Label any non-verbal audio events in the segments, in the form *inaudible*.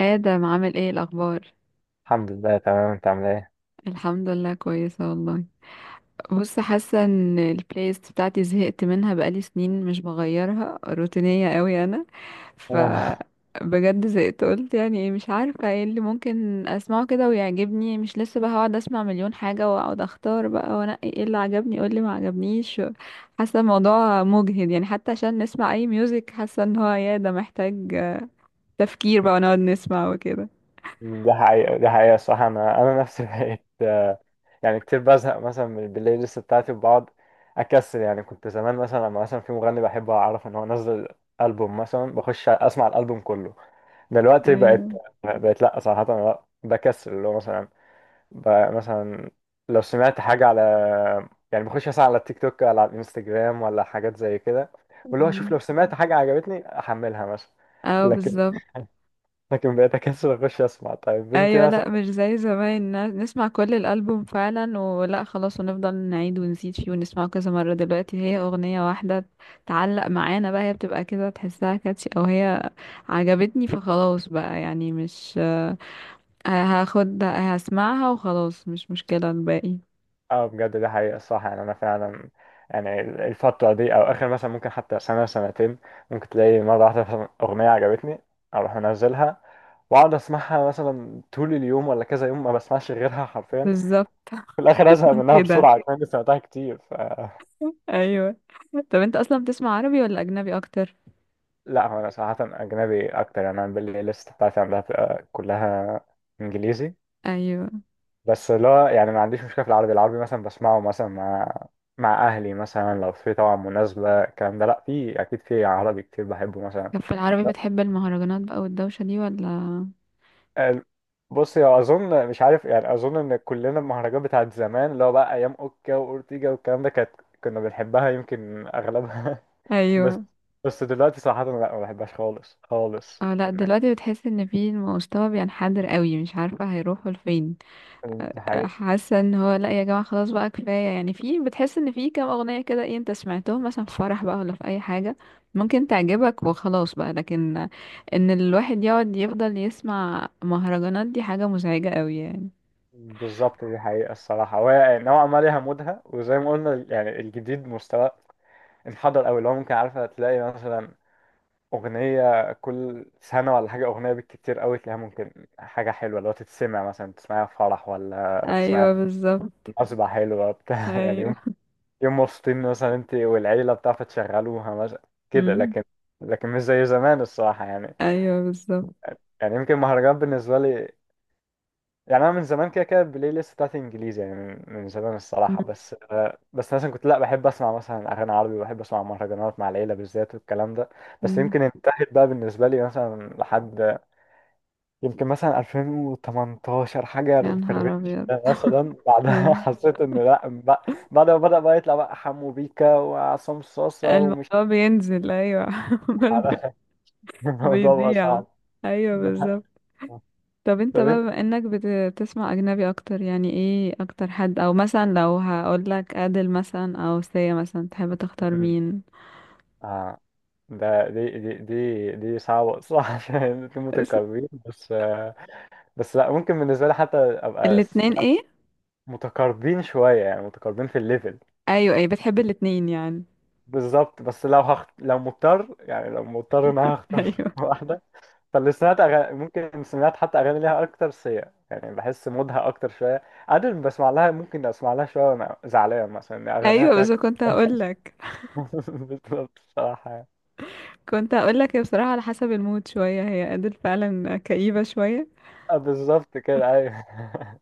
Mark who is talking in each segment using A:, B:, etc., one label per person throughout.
A: آدم، عامل ايه الأخبار؟
B: الحمد لله تمام، انت عامل ايه؟
A: الحمد لله، كويسة والله. بص، حاسة ان البلاي ليست بتاعتي زهقت منها بقالي سنين، مش بغيرها، روتينية قوي أنا. ف
B: آه،
A: بجد زهقت، قلت يعني ايه؟ مش عارفة ايه اللي ممكن اسمعه كده ويعجبني، مش لسه بقى هقعد اسمع مليون حاجة واقعد اختار بقى وانقي إيه اللي عجبني ايه اللي ما عجبنيش. حاسة الموضوع مجهد، يعني حتى عشان نسمع اي ميوزك حاسة ان هو يا ده محتاج تفكير بقى ونقعد نسمع وكده.
B: دي حقيقة، دي حقيقة الصراحة. انا انا نفسي *laughs* بقيت يعني كتير بزهق مثلا من البلاي ليست بتاعتي وبقعد اكسل. يعني كنت زمان مثلا، لما مثلا في مغني بحبه اعرف ان هو نزل البوم مثلا بخش اسمع الالبوم كله. دلوقتي
A: ايوه.
B: بقت لا، صراحة أنا لا بكسل. اللي هو مثلا مثلا لو سمعت حاجة على، يعني بخش مثلا على التيك توك ولا على الانستجرام ولا حاجات زي كده، واللي هو اشوف لو سمعت حاجة عجبتني احملها مثلا.
A: اه،
B: لكن،
A: بالظبط.
B: بقيت اكسل اخش اسمع طيب بنتي
A: ايوه، لا
B: مثلا.
A: مش زي زمان نسمع كل الالبوم فعلا، ولا خلاص ونفضل نعيد ونزيد فيه ونسمعه كذا مره. دلوقتي هي اغنيه واحده تعلق معانا بقى، هي بتبقى كده تحسها كاتشي او هي عجبتني فخلاص بقى، يعني مش هاخد هسمعها وخلاص، مش مشكله الباقي.
B: اه بجد، دي حقيقة، الصح. يعني انا فعلا يعني الفترة دي او اخر مثلا ممكن، حتى سنة سنتين ممكن تلاقي مرة واحدة مثلا اغنية عجبتني، اروح منزلها واقعد اسمعها مثلا طول اليوم ولا كذا يوم ما بسمعش غيرها حرفيا.
A: بالظبط،
B: في الاخر ازهق
A: *laughs*
B: منها
A: كده.
B: بسرعة كمان إني سمعتها كتير ف...
A: ايوه. طب انت اصلا بتسمع عربي ولا اجنبي اكتر؟
B: لا هو انا صراحة اجنبي اكتر. يعني انا بالليست بتاعتي عندها بتبقى كلها انجليزي.
A: ايوه.
B: بس اللي هو يعني ما عنديش مشكلة في العربي. العربي مثلا بسمعه مثلا مع أهلي مثلا لو في طبعا مناسبة الكلام ده. لأ في أكيد في عربي كتير بحبه مثلا.
A: طب في العربي بتحب المهرجانات بقى والدوشه دي ولا؟
B: ال- بص يا، أظن مش عارف يعني، أظن إن كلنا المهرجانات بتاعت زمان اللي هو بقى أيام أوكا وأورتيجا والكلام ده، كانت كنا بنحبها يمكن أغلبها. *laughs* بس،
A: ايوه.
B: دلوقتي صراحة لأ، ما بحبهاش خالص خالص.
A: اه لا، دلوقتي بتحس ان في المستوى بينحدر قوي، مش عارفة هيروحوا لفين.
B: دي حقيقة.
A: حاسة ان هو لا يا جماعة، خلاص بقى كفاية، يعني في بتحس ان في كام اغنية كده، ايه انت سمعتهم مثلا في فرح بقى ولا في اي حاجة ممكن تعجبك وخلاص بقى، لكن ان الواحد يقعد يفضل يسمع مهرجانات دي حاجة مزعجة قوي يعني.
B: بالظبط، دي حقيقة الصراحة. وهي نوعا ما ليها مودها، وزي ما قلنا يعني الجديد مستوى محضر قوي. اللي هو ممكن، عارفه تلاقي مثلا اغنيه كل سنه ولا حاجه، اغنيه بالكتير قوي تلاقيها ممكن حاجه حلوه اللي هو تتسمع مثلا، تسمعها في فرح ولا تسمعها
A: ايوه،
B: في
A: بالظبط.
B: مناسبه حلوه بتاع *laughs* يعني يوم
A: ايوه.
B: يوم مبسوطين مثلا انت والعيله بتاع فتشغلوها مثلا كده.
A: مم.
B: لكن، مش زي زمان الصراحه يعني.
A: ايوه، بالظبط.
B: يعني يمكن المهرجان بالنسبه لي، يعني انا من زمان كده كده البلاي ليست بتاعتي انجليزي. يعني من زمان
A: مم.
B: الصراحه. بس مثلا كنت لا بحب اسمع مثلا اغاني عربي، وبحب اسمع مهرجانات مع العيله بالذات والكلام ده. بس
A: مم.
B: يمكن انتهت بقى بالنسبه لي مثلا لحد، يمكن مثلا 2018 حاجه
A: يا
B: في
A: نهار
B: الريتش
A: ابيض.
B: ده مثلا. بعدها *laughs*
A: ايوه،
B: حسيت ان لا بعد ما بدا بقى يطلع بقى حمو بيكا وعصام صاصه ومش
A: الموضوع بينزل. ايوه.
B: *laughs*
A: *laughs*
B: عارف. الموضوع بقى
A: بيضيع.
B: صعب. *laughs*
A: ايوه،
B: ده حقيقي.
A: بالظبط. طب انت
B: طب
A: بقى بما انك بتسمع اجنبي اكتر، يعني ايه اكتر حد؟ او مثلا لو هقول لك ادل مثلا او سيا مثلا تحب تختار
B: انت،
A: مين؟
B: اه ده دي دي دي دي صعبة، صح. *laughs* عشان الاتنين
A: بس-
B: متقاربين. بس لا، ممكن بالنسبة لي حتى أبقى
A: الاتنين ايه؟
B: متقاربين شوية، يعني متقاربين في الليفل.
A: ايوه، ايه بتحب الاتنين يعني.
B: بالظبط، بس لو لو مضطر، يعني لو مضطر إن أنا
A: *laughs*
B: هختار *laughs*
A: ايوه،
B: واحدة، فاللي سمعت أغاني ممكن سمعت حتى أغاني ليها أكتر سيا. يعني بحس مودها أكتر شوية. عادل بسمع لها، ممكن أسمع لها شوية وأنا زعلان مثلا إن أغانيها
A: ايوه،
B: فيها
A: بس كنت هقول لك
B: *laughs* بالظبط الصراحة.
A: كنت هقول لك هي بصراحة على حسب المود شوية، هي ادل فعلا كئيبة شوية.
B: بالظبط كده، أيوه. *laughs*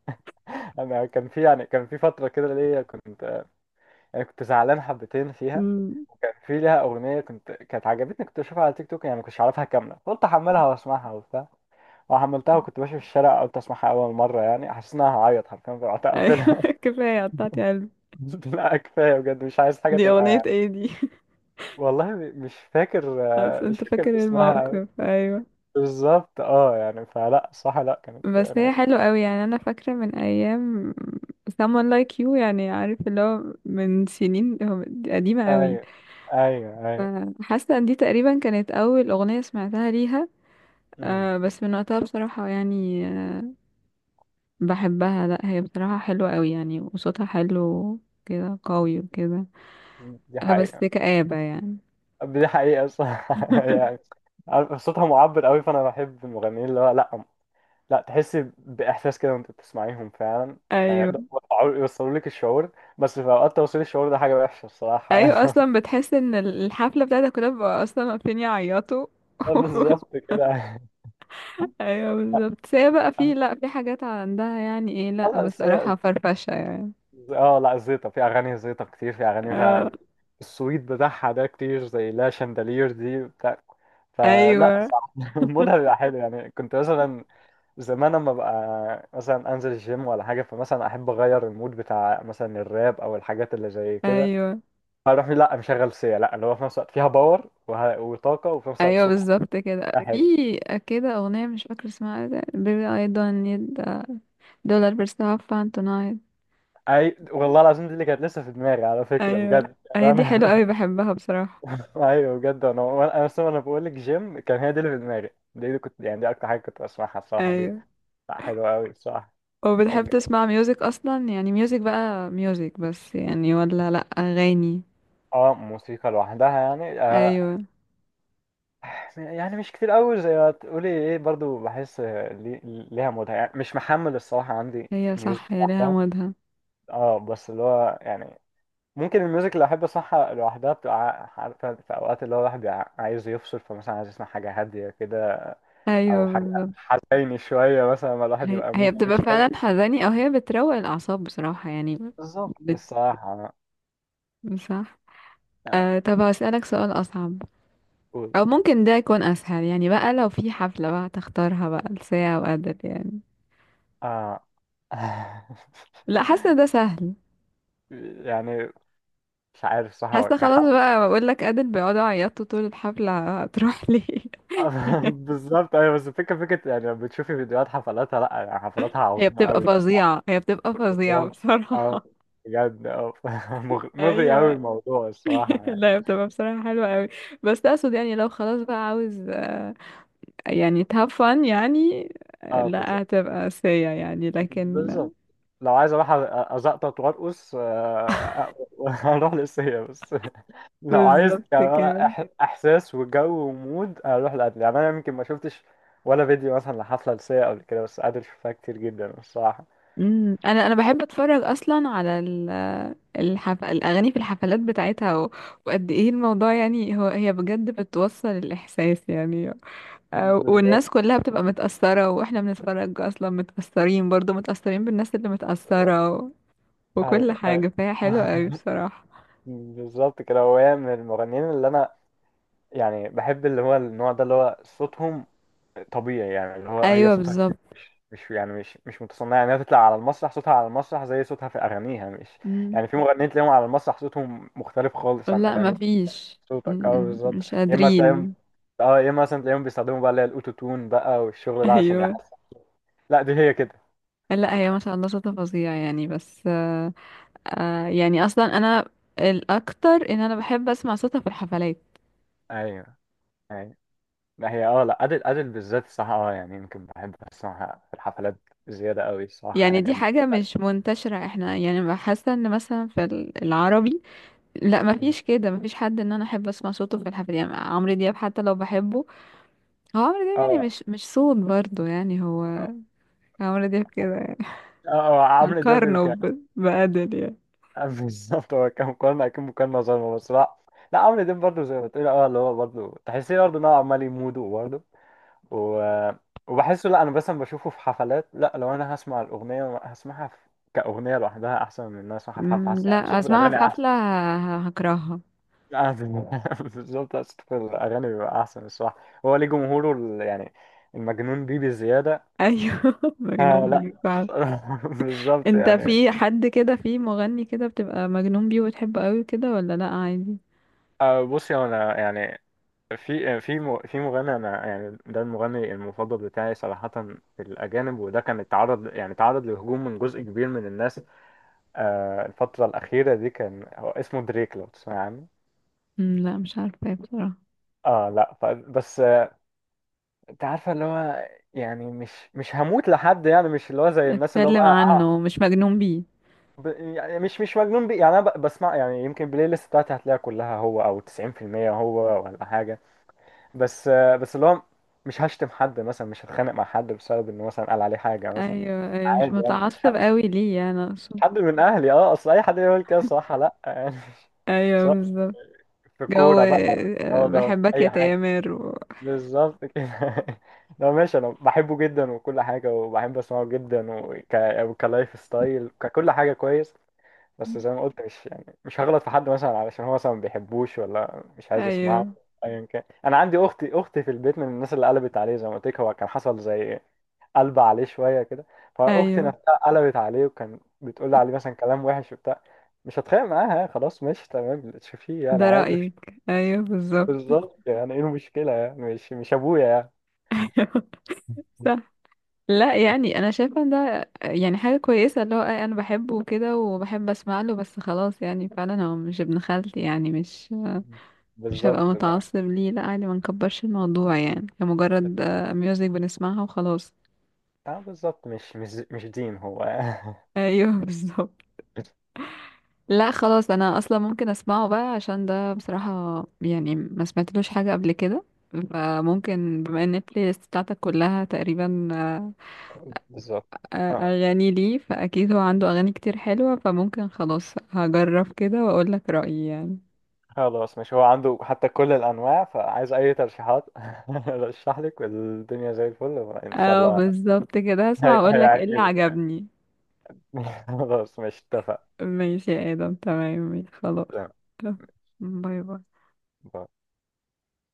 B: انا كان في، يعني كان في فتره كده ليا كنت، يعني كنت زعلان حبتين فيها.
A: امم.
B: وكان في ليها اغنيه كنت، كانت عجبتني، كنت اشوفها على تيك توك، يعني ما كنتش عارفها كامله قلت احملها واسمعها وبتاع. وحملتها وكنت ماشي في الشارع قلت اسمعها اول مره، يعني حسيت انها هعيط حرفيا، فرحت
A: ايوه.
B: اقفلها.
A: *laughs* كفاية قطعتي قلبي.
B: *laughs* لا كفايه بجد، مش عايز حاجه
A: دي
B: تبقى
A: اغنية
B: يعني.
A: ايه دي؟
B: والله مش فاكر،
A: *laughs* بس
B: مش
A: انت
B: فاكر
A: فاكر
B: اسمها.
A: الموقف، ايوه.
B: بالظبط اه، يعني فلا صح، لا كانت
A: بس
B: يعني.
A: هي حلوة قوي يعني، انا فاكرة من ايام someone like you، يعني عارف اللي هو من سنين، هو قديمة قوي.
B: ايوه، ايوه، ايوه.
A: فحاسة ان دي تقريبا كانت اول اغنية سمعتها ليها.
B: أمم.
A: بس من وقتها بصراحة يعني بحبها، لا هي بصراحة حلوة قوي يعني، وصوتها حلو كده قوي وكده.
B: دي
A: بس
B: حقيقة.
A: كآبة يعني.
B: دي حقيقة، صح. *laughs* يعني
A: *laughs*
B: عارف، صوتها معبر قوي، فأنا بحب المغنيين اللي هو لأ، لأ تحس بإحساس كده وأنت بتسمعيهم فعلا. يعني
A: ايوه،
B: يقدروا يوصلوا لك الشعور. بس في أوقات توصيل الشعور ده حاجة وحشة الصراحة يعني.
A: ايوه اصلا بتحس ان الحفلة بتاعتها كلها بقى اصلا واقفين يعيطوا.
B: *laughs*
A: *laughs*
B: بالظبط كده.
A: ايوه، بالظبط. بس هي بقى في، لا في حاجات عندها يعني ايه، لا
B: خلاص هي
A: بصراحة فرفشة يعني.
B: اه، لا زيطة في أغاني، زيطة كتير في أغاني
A: اه.
B: فيها السويت بتاعها ده، كتير زي لا شاندالير دي بتاع. فلا
A: ايوه،
B: صح. *laughs* مودها بيبقى حلو، يعني كنت مثلا زمان اما ببقى مثلا انزل الجيم ولا حاجه، فمثلا احب اغير المود بتاع مثلا الراب او الحاجات اللي زي كده.
A: ايوه،
B: فاروح لا مشغل سيا، لا اللي هو في نفس الوقت فيها باور وطاقه، وفي نفس الوقت
A: ايوه،
B: صوتها
A: بالظبط كده. في
B: حلو.
A: كده اغنية مش فاكرة اسمها ايه، بيبي اي دون نيد دولار بس هاف فان تونايت.
B: اي والله العظيم، دي اللي كانت لسه في دماغي على فكره،
A: ايوه،
B: بجد
A: هي
B: يعني
A: دي حلوة
B: انا.
A: قوي، بحبها بصراحة.
B: *laughs* ايوه بجد انا انا اصلا، انا بقول لك جيم، كان هي دي اللي في دماغي. دي اللي كنت، يعني دي اكتر حاجه كنت بسمعها الصراحه دي.
A: ايوه.
B: لا حلوه قوي الصراحه.
A: وبتحب تسمع ميوزك اصلا يعني، ميوزك بقى ميوزك بس يعني، ولا لا اغاني؟
B: اه، موسيقى لوحدها يعني آه.
A: ايوه.
B: يعني مش كتير قوي زي ما تقولي ايه، برضو بحس ليها مودها. يعني مش محمل الصراحة عندي
A: هي
B: ميوزك
A: صح، هي ليها
B: لوحدها.
A: مودها.
B: اه بس اللي هو يعني، ممكن الميوزك اللي احب اسمعها لوحدها بتبقى عارفة في اوقات اللي هو الواحد بيبقى عايز يفصل، فمثلا عايز يسمع حاجة هادية كده
A: ايوه،
B: او حاجة
A: بالظبط
B: حزيني شوية، مثلا ما الواحد
A: هي
B: يبقى
A: هي
B: موده
A: بتبقى
B: مش حلو.
A: فعلا حزاني، او هي بتروق الاعصاب بصراحة يعني.
B: بالظبط
A: بت...
B: الصراحة.
A: صح.
B: آه،
A: طب هسألك سؤال اصعب،
B: قولي.
A: او ممكن ده يكون اسهل يعني، بقى لو في حفلة بقى تختارها بقى لساعة وأدل يعني؟
B: اه، *laughs*
A: لا، حاسة ده سهل.
B: يعني مش عارف صح.
A: حاسة خلاص بقى، بقول لك أدل بيقعدوا يعيطوا طول الحفلة، هتروح ليه؟
B: *laughs*
A: *laughs*
B: بالظبط ايوه، بس الفكره فكره، يعني لما بتشوفي فيديوهات حفلاتها لا يعني حفلاتها
A: هي
B: عظيمه
A: بتبقى
B: قوي الصراحه.
A: فظيعة، هي بتبقى فظيعة
B: بالظبط اه،
A: بصراحة.
B: بجد اه *laughs*
A: *laughs*
B: مغري قوي
A: ايوه.
B: الموضوع الصراحه
A: *laughs*
B: يعني.
A: لا هي بتبقى بصراحة حلوة قوي، بس اقصد يعني لو خلاص بقى عاوز يعني have fun يعني.
B: اه،
A: لا
B: بالظبط
A: هتبقى سيئة يعني، لكن
B: بالظبط. لو عايز اروح ازقطط وارقص، *laughs* اروح للسيا. بس لو عايز
A: بالظبط
B: يعني
A: كده.
B: احساس وجو ومود، اروح لقبل. يعني انا يمكن ما شفتش ولا فيديو مثلا لحفله لسيا قبل كده، بس قادر اشوفها كتير جدا الصراحه.
A: انا بحب اتفرج اصلا على الاغاني في الحفلات بتاعتها وقد ايه الموضوع يعني، هو هي بجد بتوصل الاحساس يعني،
B: بالظبط،
A: والناس كلها بتبقى متأثرة، واحنا بنتفرج اصلا متأثرين، برضو متأثرين بالناس اللي متأثرة وكل
B: ايوه ايوه.
A: حاجة، فهي حلوة قوي
B: *laughs*
A: بصراحة.
B: بالظبط كده. هو هي من المغنيين اللي انا يعني بحب، اللي هو النوع ده اللي هو صوتهم طبيعي. يعني اللي هو هي
A: ايوه،
B: صوتها
A: بالظبط.
B: مش، يعني مش متصنعه. يعني هي تطلع على المسرح صوتها على المسرح زي صوتها في اغانيها، مش،
A: امم
B: يعني في مغنيين تلاقيهم على المسرح صوتهم مختلف خالص عن
A: لا
B: اغاني
A: مفيش.
B: صوتك. اه بالظبط.
A: مش
B: يا اما تلاقيهم،
A: قادرين.
B: اه يا اما مثلا تلاقيهم بيستخدموا بقى اللي هي الاوتو تون بقى والشغل ده عشان
A: ايوه،
B: يحس. لا دي هي كده.
A: لا هي ما شاء الله شاطرة فظيعة يعني، بس يعني اصلا انا، الاكتر ان انا بحب اسمع صوتها في الحفلات.
B: ايوه، ايوه. ما هي اه لا، أدل، أدل بالذات الصراحة. اه يعني يمكن بحب أسمعها في الحفلات زيادة قوي الصراحة
A: يعني
B: يعني
A: دي حاجة مش منتشرة احنا، يعني بحس ان مثلا في العربي لا ما
B: اه،
A: فيش كده، ما فيش حد ان انا احب اسمع صوته في الحفلات، يعني عمرو دياب حتى لو بحبه، هو عمرو دياب يعني
B: اه،
A: مش صوت برضه، يعني هو عمرو دياب كده يعني.
B: اه.
A: *laughs*
B: عمرو دياب
A: هنقارنه
B: يمكن.
A: بأدل يعني.
B: *laughs* بالظبط. هو كان مقارنة، أكيد مقارنة ظالمة، بس لا، لا عمرو دياب برضه زي ما بتقول اه، اللي هو برضه تحسيه برضه إن هو عمال يموده برضه و... وبحسه لا، أنا مثلا بشوفه في حفلات، لا لو أنا هسمع الأغنية هسمعها في... كأغنية لوحدها أحسن من إن أنا أسمعها في حفلة. حاسس يعني
A: لا
B: صوت
A: اسمعها
B: الأغاني
A: في
B: أحسن.
A: حفلة هكرهها.
B: أعدل. *laughs* بالظبط أصل في الأغاني بيبقى أحسن الصراحة. هو ليه جمهوره يعني المجنون بيه بزيادة.
A: ايوه. *laughs*
B: آه
A: مجنون
B: لا.
A: بيه.
B: *laughs* بالظبط
A: انت
B: يعني.
A: في حد كده، في مغني كده بتبقى مجنون بيه وتحبه قوي كده، ولا لا عادي؟
B: آه بص يا، أنا يعني في في مغني أنا يعني، ده المغني المفضل بتاعي صراحة في الأجانب. وده كان اتعرض، يعني اتعرض لهجوم من جزء كبير من الناس آه الفترة الأخيرة دي. كان هو اسمه دريك، لو تسمع عنه.
A: مم، لا مش عارفه بصراحه.
B: اه لا بس انت عارفه اللي هو، يعني مش هموت لحد يعني، مش اللي هو زي الناس اللي هو
A: اتكلم
B: بقى
A: عنه مش مجنون بيه.
B: ب... يعني مش مجنون بيه. يعني انا بسمع، يعني يمكن البلاي ليست بتاعتي هتلاقيها كلها هو او 90%، هو ولا حاجه. بس اللي هو مش هشتم حد مثلا، مش هتخانق مع حد بسبب انه مثلا قال عليه حاجه مثلا.
A: ايوه، ايوه، مش *laughs*
B: عادي يعني، مش
A: متعصب قوي ليه يعني،
B: مش
A: اقصد.
B: حد من اهلي اه، اصل اي حد يقول كده صراحه لا يعني. *laughs*
A: ايوه،
B: سواء
A: بالظبط.
B: في
A: جو
B: كوره بقى، اه، ده في
A: بحبك يا
B: اي حاجه.
A: تامر
B: بالظبط كده. *laughs* لا ماشي، انا بحبه جدا وكل حاجه، وبحب اسمعه جدا وكلايف ستايل، ككل حاجه كويس. بس زي ما قلت، مش يعني مش هغلط في حد مثلا علشان هو مثلا ما بيحبوش ولا مش عايز يسمعه.
A: ايوه،
B: ايا كان، انا عندي اختي في البيت من الناس اللي قلبت عليه. زي ما قلت لك، هو كان حصل زي، قلب عليه شويه كده، فاختي
A: ايوه.
B: نفسها قلبت عليه، وكان بتقول لي عليه مثلا كلام وحش وبتاع. مش هتخانق معاها، خلاص ماشي تمام اللي تشوفيه يعني
A: ده
B: عادي. *laughs*
A: رأيك، ايوه بالظبط.
B: بالظبط. يعني ايه المشكله، يعني مش ابويا يعني.
A: *laughs* ايوه، صح. لا يعني انا شايفه ان ده يعني حاجه كويسه، اللي هو انا بحبه كده وبحب اسمع له، بس خلاص يعني فعلا هو مش ابن خالتي، يعني مش هبقى
B: بالظبط اه،
A: متعصب ليه، لا عادي، ما نكبرش الموضوع يعني، هي مجرد ميوزك بنسمعها وخلاص.
B: بالظبط مش دين هو.
A: ايوه. *laughs* بالظبط. لا خلاص، انا اصلا ممكن اسمعه بقى عشان ده بصراحة يعني ما سمعتلوش حاجة قبل كده. فممكن بما ان البلاي ليست بتاعتك كلها تقريبا
B: *laughs* بالظبط اه.
A: اغاني ليه، فاكيد هو عنده اغاني كتير حلوة، فممكن خلاص هجرب كده واقول لك رأيي يعني.
B: خلاص مش، هو عنده حتى كل الأنواع، فعايز أي ترشيحات. *laughs* رشح لك والدنيا زي الفل إن شاء
A: اه،
B: الله.
A: بالظبط كده، هسمع واقول لك ايه اللي
B: هيعجبك.
A: عجبني.
B: *laughs* خلاص مش، اتفق.
A: ماشي يا آدم، تمام، ماشي خلاص.
B: تمام.
A: تمام. باي باي.
B: باي.